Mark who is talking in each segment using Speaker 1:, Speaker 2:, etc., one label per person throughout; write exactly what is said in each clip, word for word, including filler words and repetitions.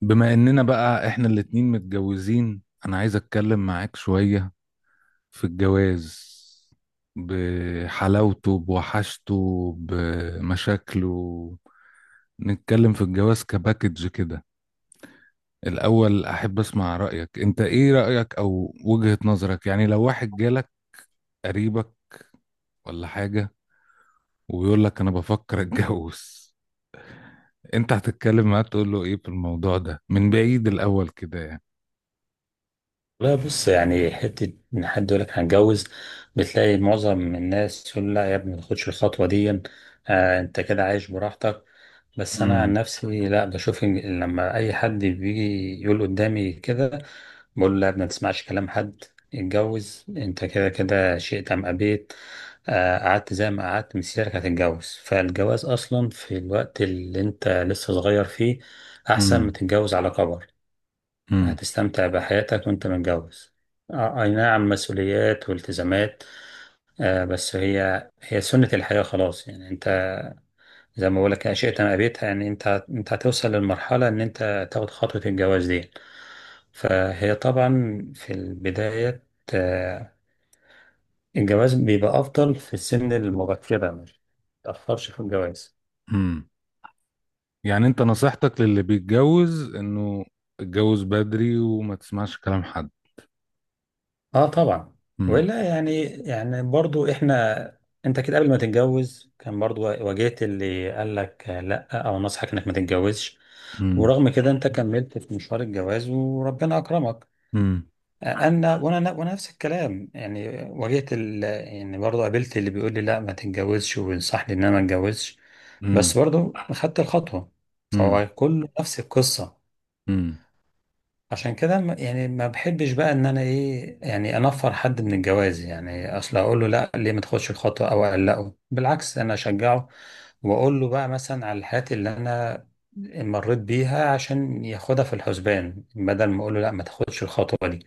Speaker 1: بما اننا بقى احنا الاتنين متجوزين، انا عايز اتكلم معاك شوية في الجواز، بحلاوته بوحشته بمشاكله. نتكلم في الجواز كباكج كده. الاول احب اسمع رأيك، انت ايه رأيك او وجهة نظرك؟ يعني لو واحد جالك، قريبك ولا حاجة، وبيقول لك انا بفكر اتجوز، انت هتتكلم معاه تقول له ايه في الموضوع ده من بعيد الاول كده يعني؟
Speaker 2: لا بص، يعني حتة إن حد يقول لك هنتجوز بتلاقي معظم الناس يقول لا يا ابني ما تاخدش الخطوة دي. آه أنت كده عايش براحتك. بس أنا عن
Speaker 1: امم.
Speaker 2: نفسي لا، بشوف إن لما أي حد بيجي يقول قدامي كده بقول له لا يا ابني ما تسمعش كلام حد، اتجوز. أنت كده كده شئت أم أبيت. آه قعدت زي ما قعدت مسيرك هتتجوز، فالجواز أصلا في الوقت اللي أنت لسه صغير فيه أحسن ما
Speaker 1: امم.
Speaker 2: تتجوز على كبر. هتستمتع بحياتك وانت متجوز. آه، اي نعم مسؤوليات والتزامات، آه، بس هي هي سنة الحياة خلاص. يعني انت زي ما بقولك اشياء ما قابلتها، يعني انت انت هتوصل للمرحلة ان انت تاخد خطوة الجواز دي. فهي طبعا في البداية، آه، الجواز بيبقى افضل في السن المبكرة، مش متأخرش في الجواز.
Speaker 1: امم. يعني انت نصيحتك للي بيتجوز انه اتجوز بدري وما تسمعش كلام حد؟
Speaker 2: اه طبعا.
Speaker 1: امم.
Speaker 2: ولا يعني، يعني برضو احنا انت كده قبل ما تتجوز كان برضو واجهت اللي قال لك لا او نصحك انك ما تتجوزش،
Speaker 1: امم.
Speaker 2: ورغم كده انت كملت في مشوار الجواز وربنا اكرمك.
Speaker 1: امم.
Speaker 2: انا وانا وانا نفس الكلام، يعني واجهت ال... يعني برضو قابلت اللي بيقول لي لا ما تتجوزش وينصحني ان انا ما اتجوزش،
Speaker 1: امم.
Speaker 2: بس برضو خدت الخطوة.
Speaker 1: امم.
Speaker 2: فهو كله نفس القصة.
Speaker 1: امم.
Speaker 2: عشان كده م- يعني ما بحبش بقى ان انا ايه، يعني انفر حد من الجواز، يعني اصل اقول له لا ليه ما تاخدش الخطوه او اقلقه. بالعكس انا اشجعه واقول له بقى مثلا على الحاجات اللي انا مريت بيها عشان ياخدها في الحسبان، بدل ما اقول له لا ما تاخدش الخطوه دي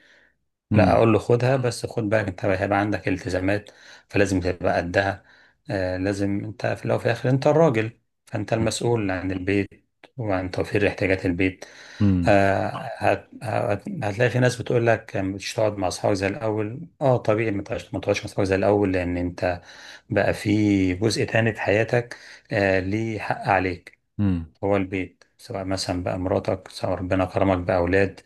Speaker 2: لا
Speaker 1: امم.
Speaker 2: اقول له خدها، بس خد بالك انت هيبقى عندك التزامات فلازم تبقى قدها. آه لازم، انت في الاول وفي الاخر انت الراجل، فانت المسؤول عن البيت وعن توفير احتياجات البيت.
Speaker 1: امم.
Speaker 2: آه، هت هت هتلاقي في ناس بتقول لك مش تقعد مع اصحابك زي الاول. اه طبيعي، ما تقعدش ما تقعدش مع اصحابك زي الاول لان انت بقى في جزء تاني في حياتك. آه ليه حق عليك،
Speaker 1: امم.
Speaker 2: هو البيت سواء مثلا بقى مراتك، سواء ربنا كرمك بأولاد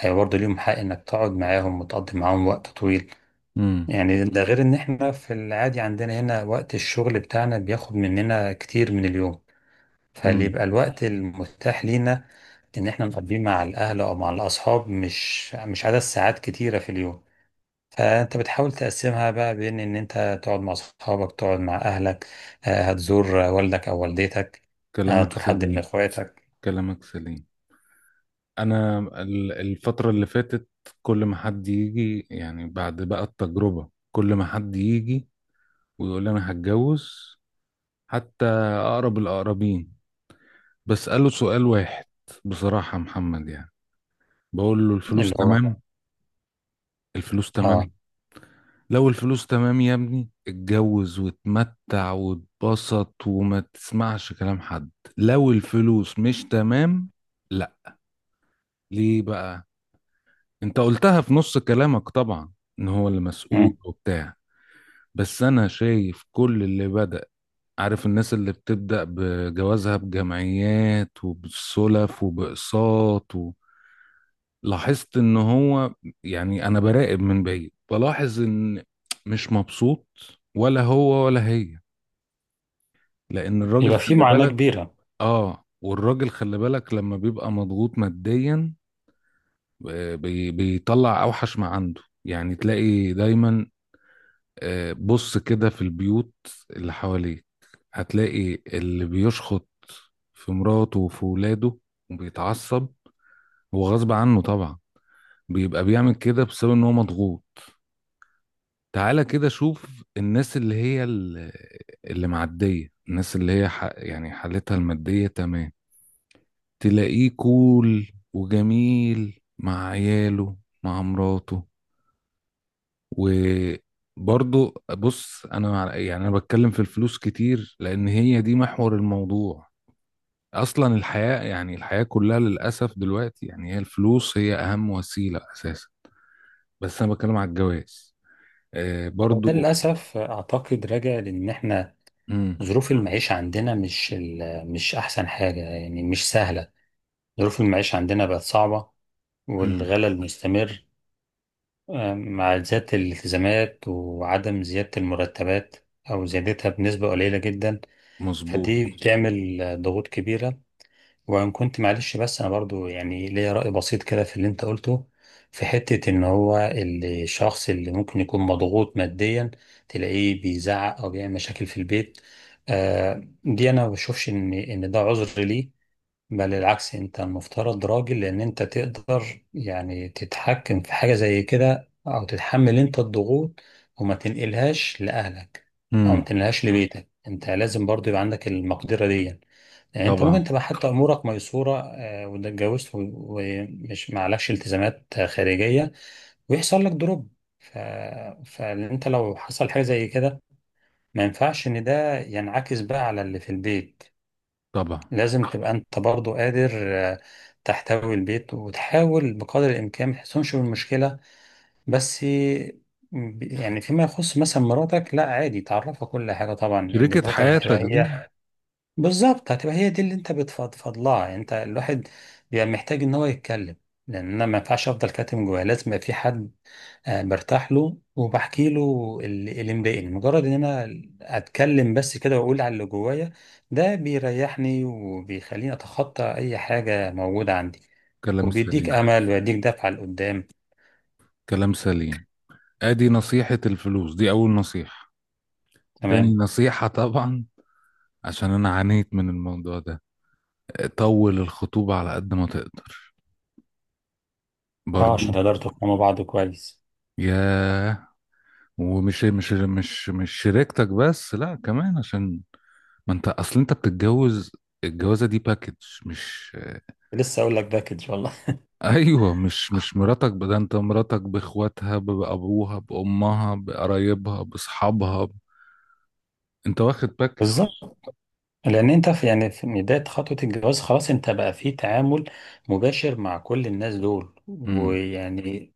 Speaker 2: هي برضه ليهم حق إنك تقعد معاهم وتقضي معاهم وقت طويل.
Speaker 1: امم.
Speaker 2: يعني ده غير إن إحنا في العادي عندنا هنا وقت الشغل بتاعنا بياخد مننا كتير من اليوم، فاللي
Speaker 1: امم.
Speaker 2: يبقى الوقت المتاح لينا إن إحنا نقضيه مع الأهل أو مع الأصحاب مش مش عدد ساعات كتيرة في اليوم. فأنت بتحاول تقسمها بقى بين إن أنت تقعد مع أصحابك، تقعد مع أهلك، آه، هتزور والدك أو والدتك، آه،
Speaker 1: كلامك
Speaker 2: هتزور حد من
Speaker 1: سليم.
Speaker 2: إخواتك.
Speaker 1: كلامك سليم. انا ال- الفترة اللي فاتت، كل ما حد يجي، يعني بعد بقى التجربة، كل ما حد يجي ويقول لي انا هتجوز، حتى اقرب الاقربين، بسأله سؤال واحد. بصراحة يا محمد يعني بقول له الفلوس
Speaker 2: اللي هو
Speaker 1: تمام؟ الفلوس
Speaker 2: اه.
Speaker 1: تمام. لو الفلوس تمام يا ابني، اتجوز واتمتع واتبسط وما تسمعش كلام حد. لو الفلوس مش تمام، لا. ليه بقى؟ انت قلتها في نص كلامك طبعا، ان هو اللي مسؤول
Speaker 2: مم.
Speaker 1: وبتاع. بس انا شايف كل اللي بدأ، عارف الناس اللي بتبدأ بجوازها بجمعيات وبالسلف وبأقساط و... لاحظت ان هو، يعني انا براقب من بعيد بلاحظ ان مش مبسوط، ولا هو ولا هي. لان الراجل
Speaker 2: يبقى في
Speaker 1: خلي
Speaker 2: معاناة
Speaker 1: بالك،
Speaker 2: كبيرة.
Speaker 1: اه، والراجل خلي بالك لما بيبقى مضغوط ماديا. آه، بي بيطلع اوحش ما عنده، يعني تلاقي دايما. آه، بص كده في البيوت اللي حواليك، هتلاقي اللي بيشخط في مراته وفي ولاده وبيتعصب. هو غصب عنه طبعا، بيبقى بيعمل كده بسبب ان هو مضغوط. تعالى كده شوف الناس اللي هي ال- اللي معدية، الناس اللي هي ح... يعني حالتها المادية تمام. تلاقيه كول وجميل مع عياله، مع مراته. وبرضه بص، انا مع- يعني انا بتكلم في الفلوس كتير، لان هي دي محور الموضوع. اصلا الحياة، يعني الحياة كلها للأسف دلوقتي، يعني هي الفلوس هي اهم وسيلة اساسا. بس انا بتكلم على الجواز آه
Speaker 2: وده
Speaker 1: برضه.
Speaker 2: للأسف أعتقد راجع لأن إحنا ظروف المعيشة عندنا مش ال- مش أحسن حاجة، يعني مش سهلة. ظروف المعيشة عندنا بقت صعبة
Speaker 1: امم.
Speaker 2: والغلاء المستمر، آه، مع زيادة الالتزامات وعدم زيادة المرتبات أو زيادتها بنسبة قليلة جدا.
Speaker 1: مظبوط.
Speaker 2: فدي بتعمل ضغوط كبيرة. وان كنت معلش بس انا برضو يعني ليا رأي بسيط كده في اللي انت قلته، في حتة ان هو الشخص اللي ممكن يكون مضغوط ماديا تلاقيه بيزعق او بيعمل مشاكل في البيت، آه دي انا ما بشوفش ان ان ده عذر ليه. بل العكس انت المفترض راجل، لان انت تقدر يعني تتحكم في حاجة زي كده او تتحمل انت الضغوط وما تنقلهاش لأهلك او ما تنقلهاش لبيتك. انت لازم برضو يبقى عندك المقدرة دي. يعني انت ممكن
Speaker 1: طبعا.
Speaker 2: تبقى حتى امورك ميسورة، آه، واتجوزت و- ومش معلكش التزامات آه، خارجية، ويحصل لك دروب. ف... فانت لو حصل حاجة زي كده ما ينفعش ان ده ينعكس بقى على اللي في البيت.
Speaker 1: طبعا.
Speaker 2: لازم تبقى انت برضو قادر، آه، تحتوي البيت وتحاول بقدر الامكان ما تحسنش بالمشكله. بس ب- يعني فيما يخص مثلا مراتك لا عادي، تعرفها كل حاجه طبعا. ان
Speaker 1: شريكة
Speaker 2: مراتك
Speaker 1: حياتك
Speaker 2: هتبقى
Speaker 1: دي.
Speaker 2: هي، بالظبط هتبقى هي دي اللي انت بتفضفض لها. يعني انت الواحد بيبقى محتاج ان هو يتكلم، لان انا ما ينفعش افضل كاتم جوايا، لازم يبقى في حد آه، برتاح له وبحكي له اللي اللي مضايقني. مجرد ان انا اتكلم بس كده واقول على اللي جوايا ده بيريحني وبيخليني اتخطى اي حاجة موجودة عندي،
Speaker 1: كلام
Speaker 2: وبيديك
Speaker 1: سليم.
Speaker 2: امل ويديك دفعة لقدام.
Speaker 1: كلام سليم. ادي نصيحة الفلوس دي اول نصيحة. تاني
Speaker 2: تمام.
Speaker 1: نصيحة طبعا، عشان انا عانيت من الموضوع ده، طول الخطوبة على قد ما تقدر
Speaker 2: اه
Speaker 1: برضو.
Speaker 2: عشان تقدروا تفهموا بعض كويس.
Speaker 1: ياه. ومش مش مش مش شريكتك بس، لا كمان عشان ما انت اصل انت بتتجوز. الجوازة دي باكج، مش
Speaker 2: لسه اقول لك ده كده ان شاء الله.
Speaker 1: ايوه، مش مش مراتك، ب- ده انت مراتك باخواتها بابوها بامها بقرايبها باصحابها. انت واخد باك.
Speaker 2: بالظبط، لان انت في يعني في بدايه خطوه الجواز خلاص انت بقى في تعامل مباشر مع كل الناس دول
Speaker 1: امم.
Speaker 2: ويعني،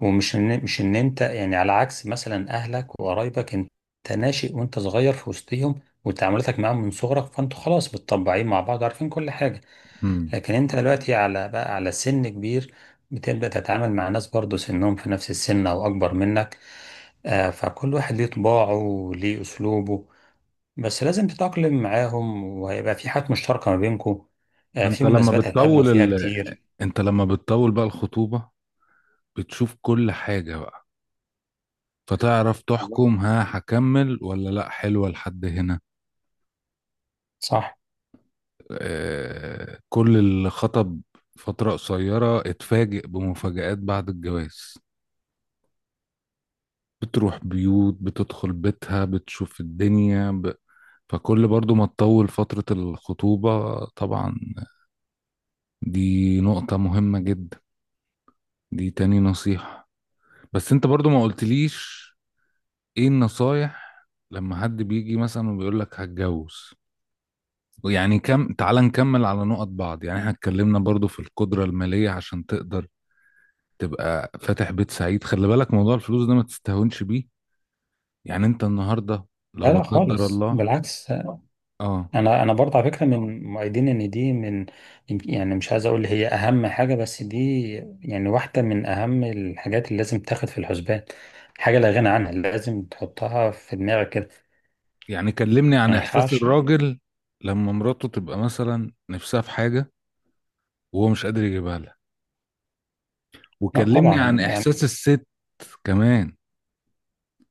Speaker 2: ومش ان مش ان انت يعني على عكس مثلا اهلك وقرايبك، انت ناشئ وانت صغير في وسطهم وتعاملاتك معاهم من صغرك فانتوا خلاص متطبعين مع بعض عارفين كل حاجه.
Speaker 1: امم.
Speaker 2: لكن انت دلوقتي على بقى على سن كبير بتبدا تتعامل مع ناس برضه سنهم في نفس السن او اكبر منك، آه، فكل واحد ليه طباعه وليه اسلوبه، بس لازم تتأقلم معاهم وهيبقى في حاجات مشتركة ما بينكم،
Speaker 1: ما
Speaker 2: آه،
Speaker 1: انت
Speaker 2: في
Speaker 1: لما
Speaker 2: مناسبات هتقابلوا
Speaker 1: بتطول
Speaker 2: فيها
Speaker 1: ال...
Speaker 2: كتير.
Speaker 1: انت لما بتطول بقى الخطوبة، بتشوف كل حاجة بقى. فتعرف تحكم، ها هكمل ولا لا، حلوة لحد هنا.
Speaker 2: صح؟
Speaker 1: آه... كل اللي خطب فترة قصيرة، اتفاجئ بمفاجآت بعد الجواز. بتروح بيوت، بتدخل بيتها، بتشوف الدنيا ب... فكل برضو ما تطول فترة الخطوبة طبعا، دي نقطة مهمة جدا. دي تاني نصيحة. بس انت برضو ما قلتليش ايه النصايح لما حد بيجي مثلا وبيقول لك هتجوز. ويعني كم، تعال نكمل على نقط بعض، يعني احنا اتكلمنا برضو في القدرة المالية عشان تقدر تبقى فاتح بيت سعيد. خلي بالك موضوع الفلوس ده ما تستهونش بيه. يعني انت النهاردة لو
Speaker 2: لا
Speaker 1: لا
Speaker 2: لا
Speaker 1: قدر
Speaker 2: خالص،
Speaker 1: الله،
Speaker 2: بالعكس آه،
Speaker 1: اه.
Speaker 2: انا انا برضه على فكره من مؤيدين ان دي من، يعني مش عايز اقول هي اهم حاجه، بس دي يعني واحده من اهم الحاجات اللي لازم تاخد في الحسبان. حاجه لا غنى عنها، لازم تحطها في دماغك كده.
Speaker 1: يعني كلمني عن
Speaker 2: ما
Speaker 1: احساس
Speaker 2: ينفعش.
Speaker 1: الراجل لما مراته تبقى مثلا نفسها في حاجة وهو مش قادر يجيبها لها،
Speaker 2: لا
Speaker 1: وكلمني عن
Speaker 2: طبعا يعني،
Speaker 1: احساس الست كمان،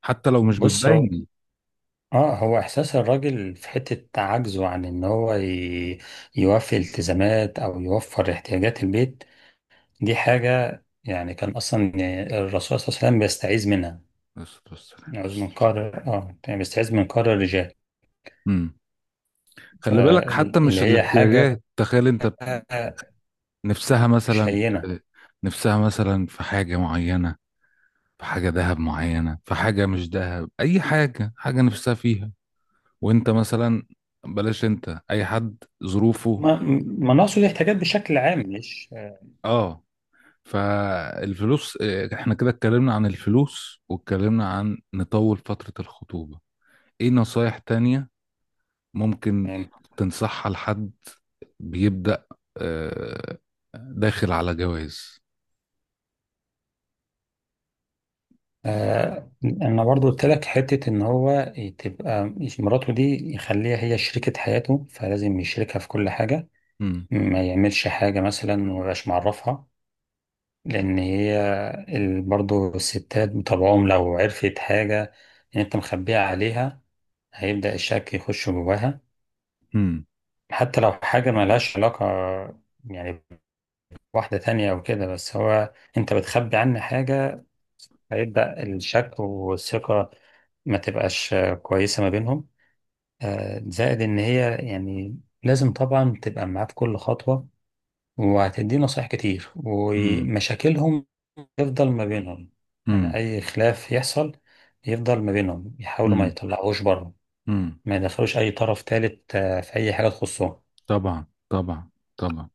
Speaker 1: حتى لو مش
Speaker 2: بص
Speaker 1: بتبين.
Speaker 2: اه هو احساس الراجل في حتة عجزه عن ان هو ي- يوفي التزامات او يوفر احتياجات البيت، دي حاجة يعني كان اصلا الرسول صلى الله عليه وسلم بيستعيذ منها،
Speaker 1: بس بس.
Speaker 2: يعوذ من قهر، اه يعني بيستعيذ من قهر الرجال.
Speaker 1: امم. خلي بالك حتى
Speaker 2: فاللي
Speaker 1: مش
Speaker 2: هي حاجة
Speaker 1: الاحتياجات، تخيل انت نفسها
Speaker 2: مش
Speaker 1: مثلا
Speaker 2: هينة.
Speaker 1: في نفسها مثلا في حاجة معينة، في حاجة ذهب معينة، في حاجة مش ذهب، أي حاجة حاجة نفسها فيها. وانت مثلا، بلاش انت أي حد ظروفه،
Speaker 2: ما ما نقصد احتياجات بشكل عام مش،
Speaker 1: اه. فالفلوس اه، احنا كده اتكلمنا عن الفلوس واتكلمنا عن نطول فترة الخطوبة. ايه نصايح تانية ممكن
Speaker 2: يعني،
Speaker 1: تنصحها لحد بيبدأ اه، داخل على جواز؟
Speaker 2: آه انا برضو قلت لك حته ان هو تبقى مراته دي يخليها هي شريكة حياته، فلازم يشركها في كل حاجة،
Speaker 1: مم.
Speaker 2: ما يعملش حاجة مثلا ومبقاش معرفها. لأن هي ال- برضو الستات بطبعهم لو عرفت حاجة إن أنت مخبيها عليها هيبدأ الشك يخش جواها،
Speaker 1: مم.
Speaker 2: حتى لو حاجة ملهاش علاقة يعني بواحدة تانية أو كده، بس هو أنت بتخبي عنه حاجة، هيبدأ الشك والثقة ما تبقاش كويسة ما بينهم. آه، زائد إن هي يعني لازم طبعا تبقى معاه في كل خطوة، وهتديه نصايح كتير
Speaker 1: مم.
Speaker 2: ومشاكلهم يفضل ما بينهم. يعني
Speaker 1: مم.
Speaker 2: أي خلاف يحصل يفضل ما بينهم، يحاولوا ما
Speaker 1: مم.
Speaker 2: يطلعوش بره،
Speaker 1: مم.
Speaker 2: ما يدخلوش أي طرف تالت آه، في أي حاجة تخصهم.
Speaker 1: طبعا. طبعا. طبعا.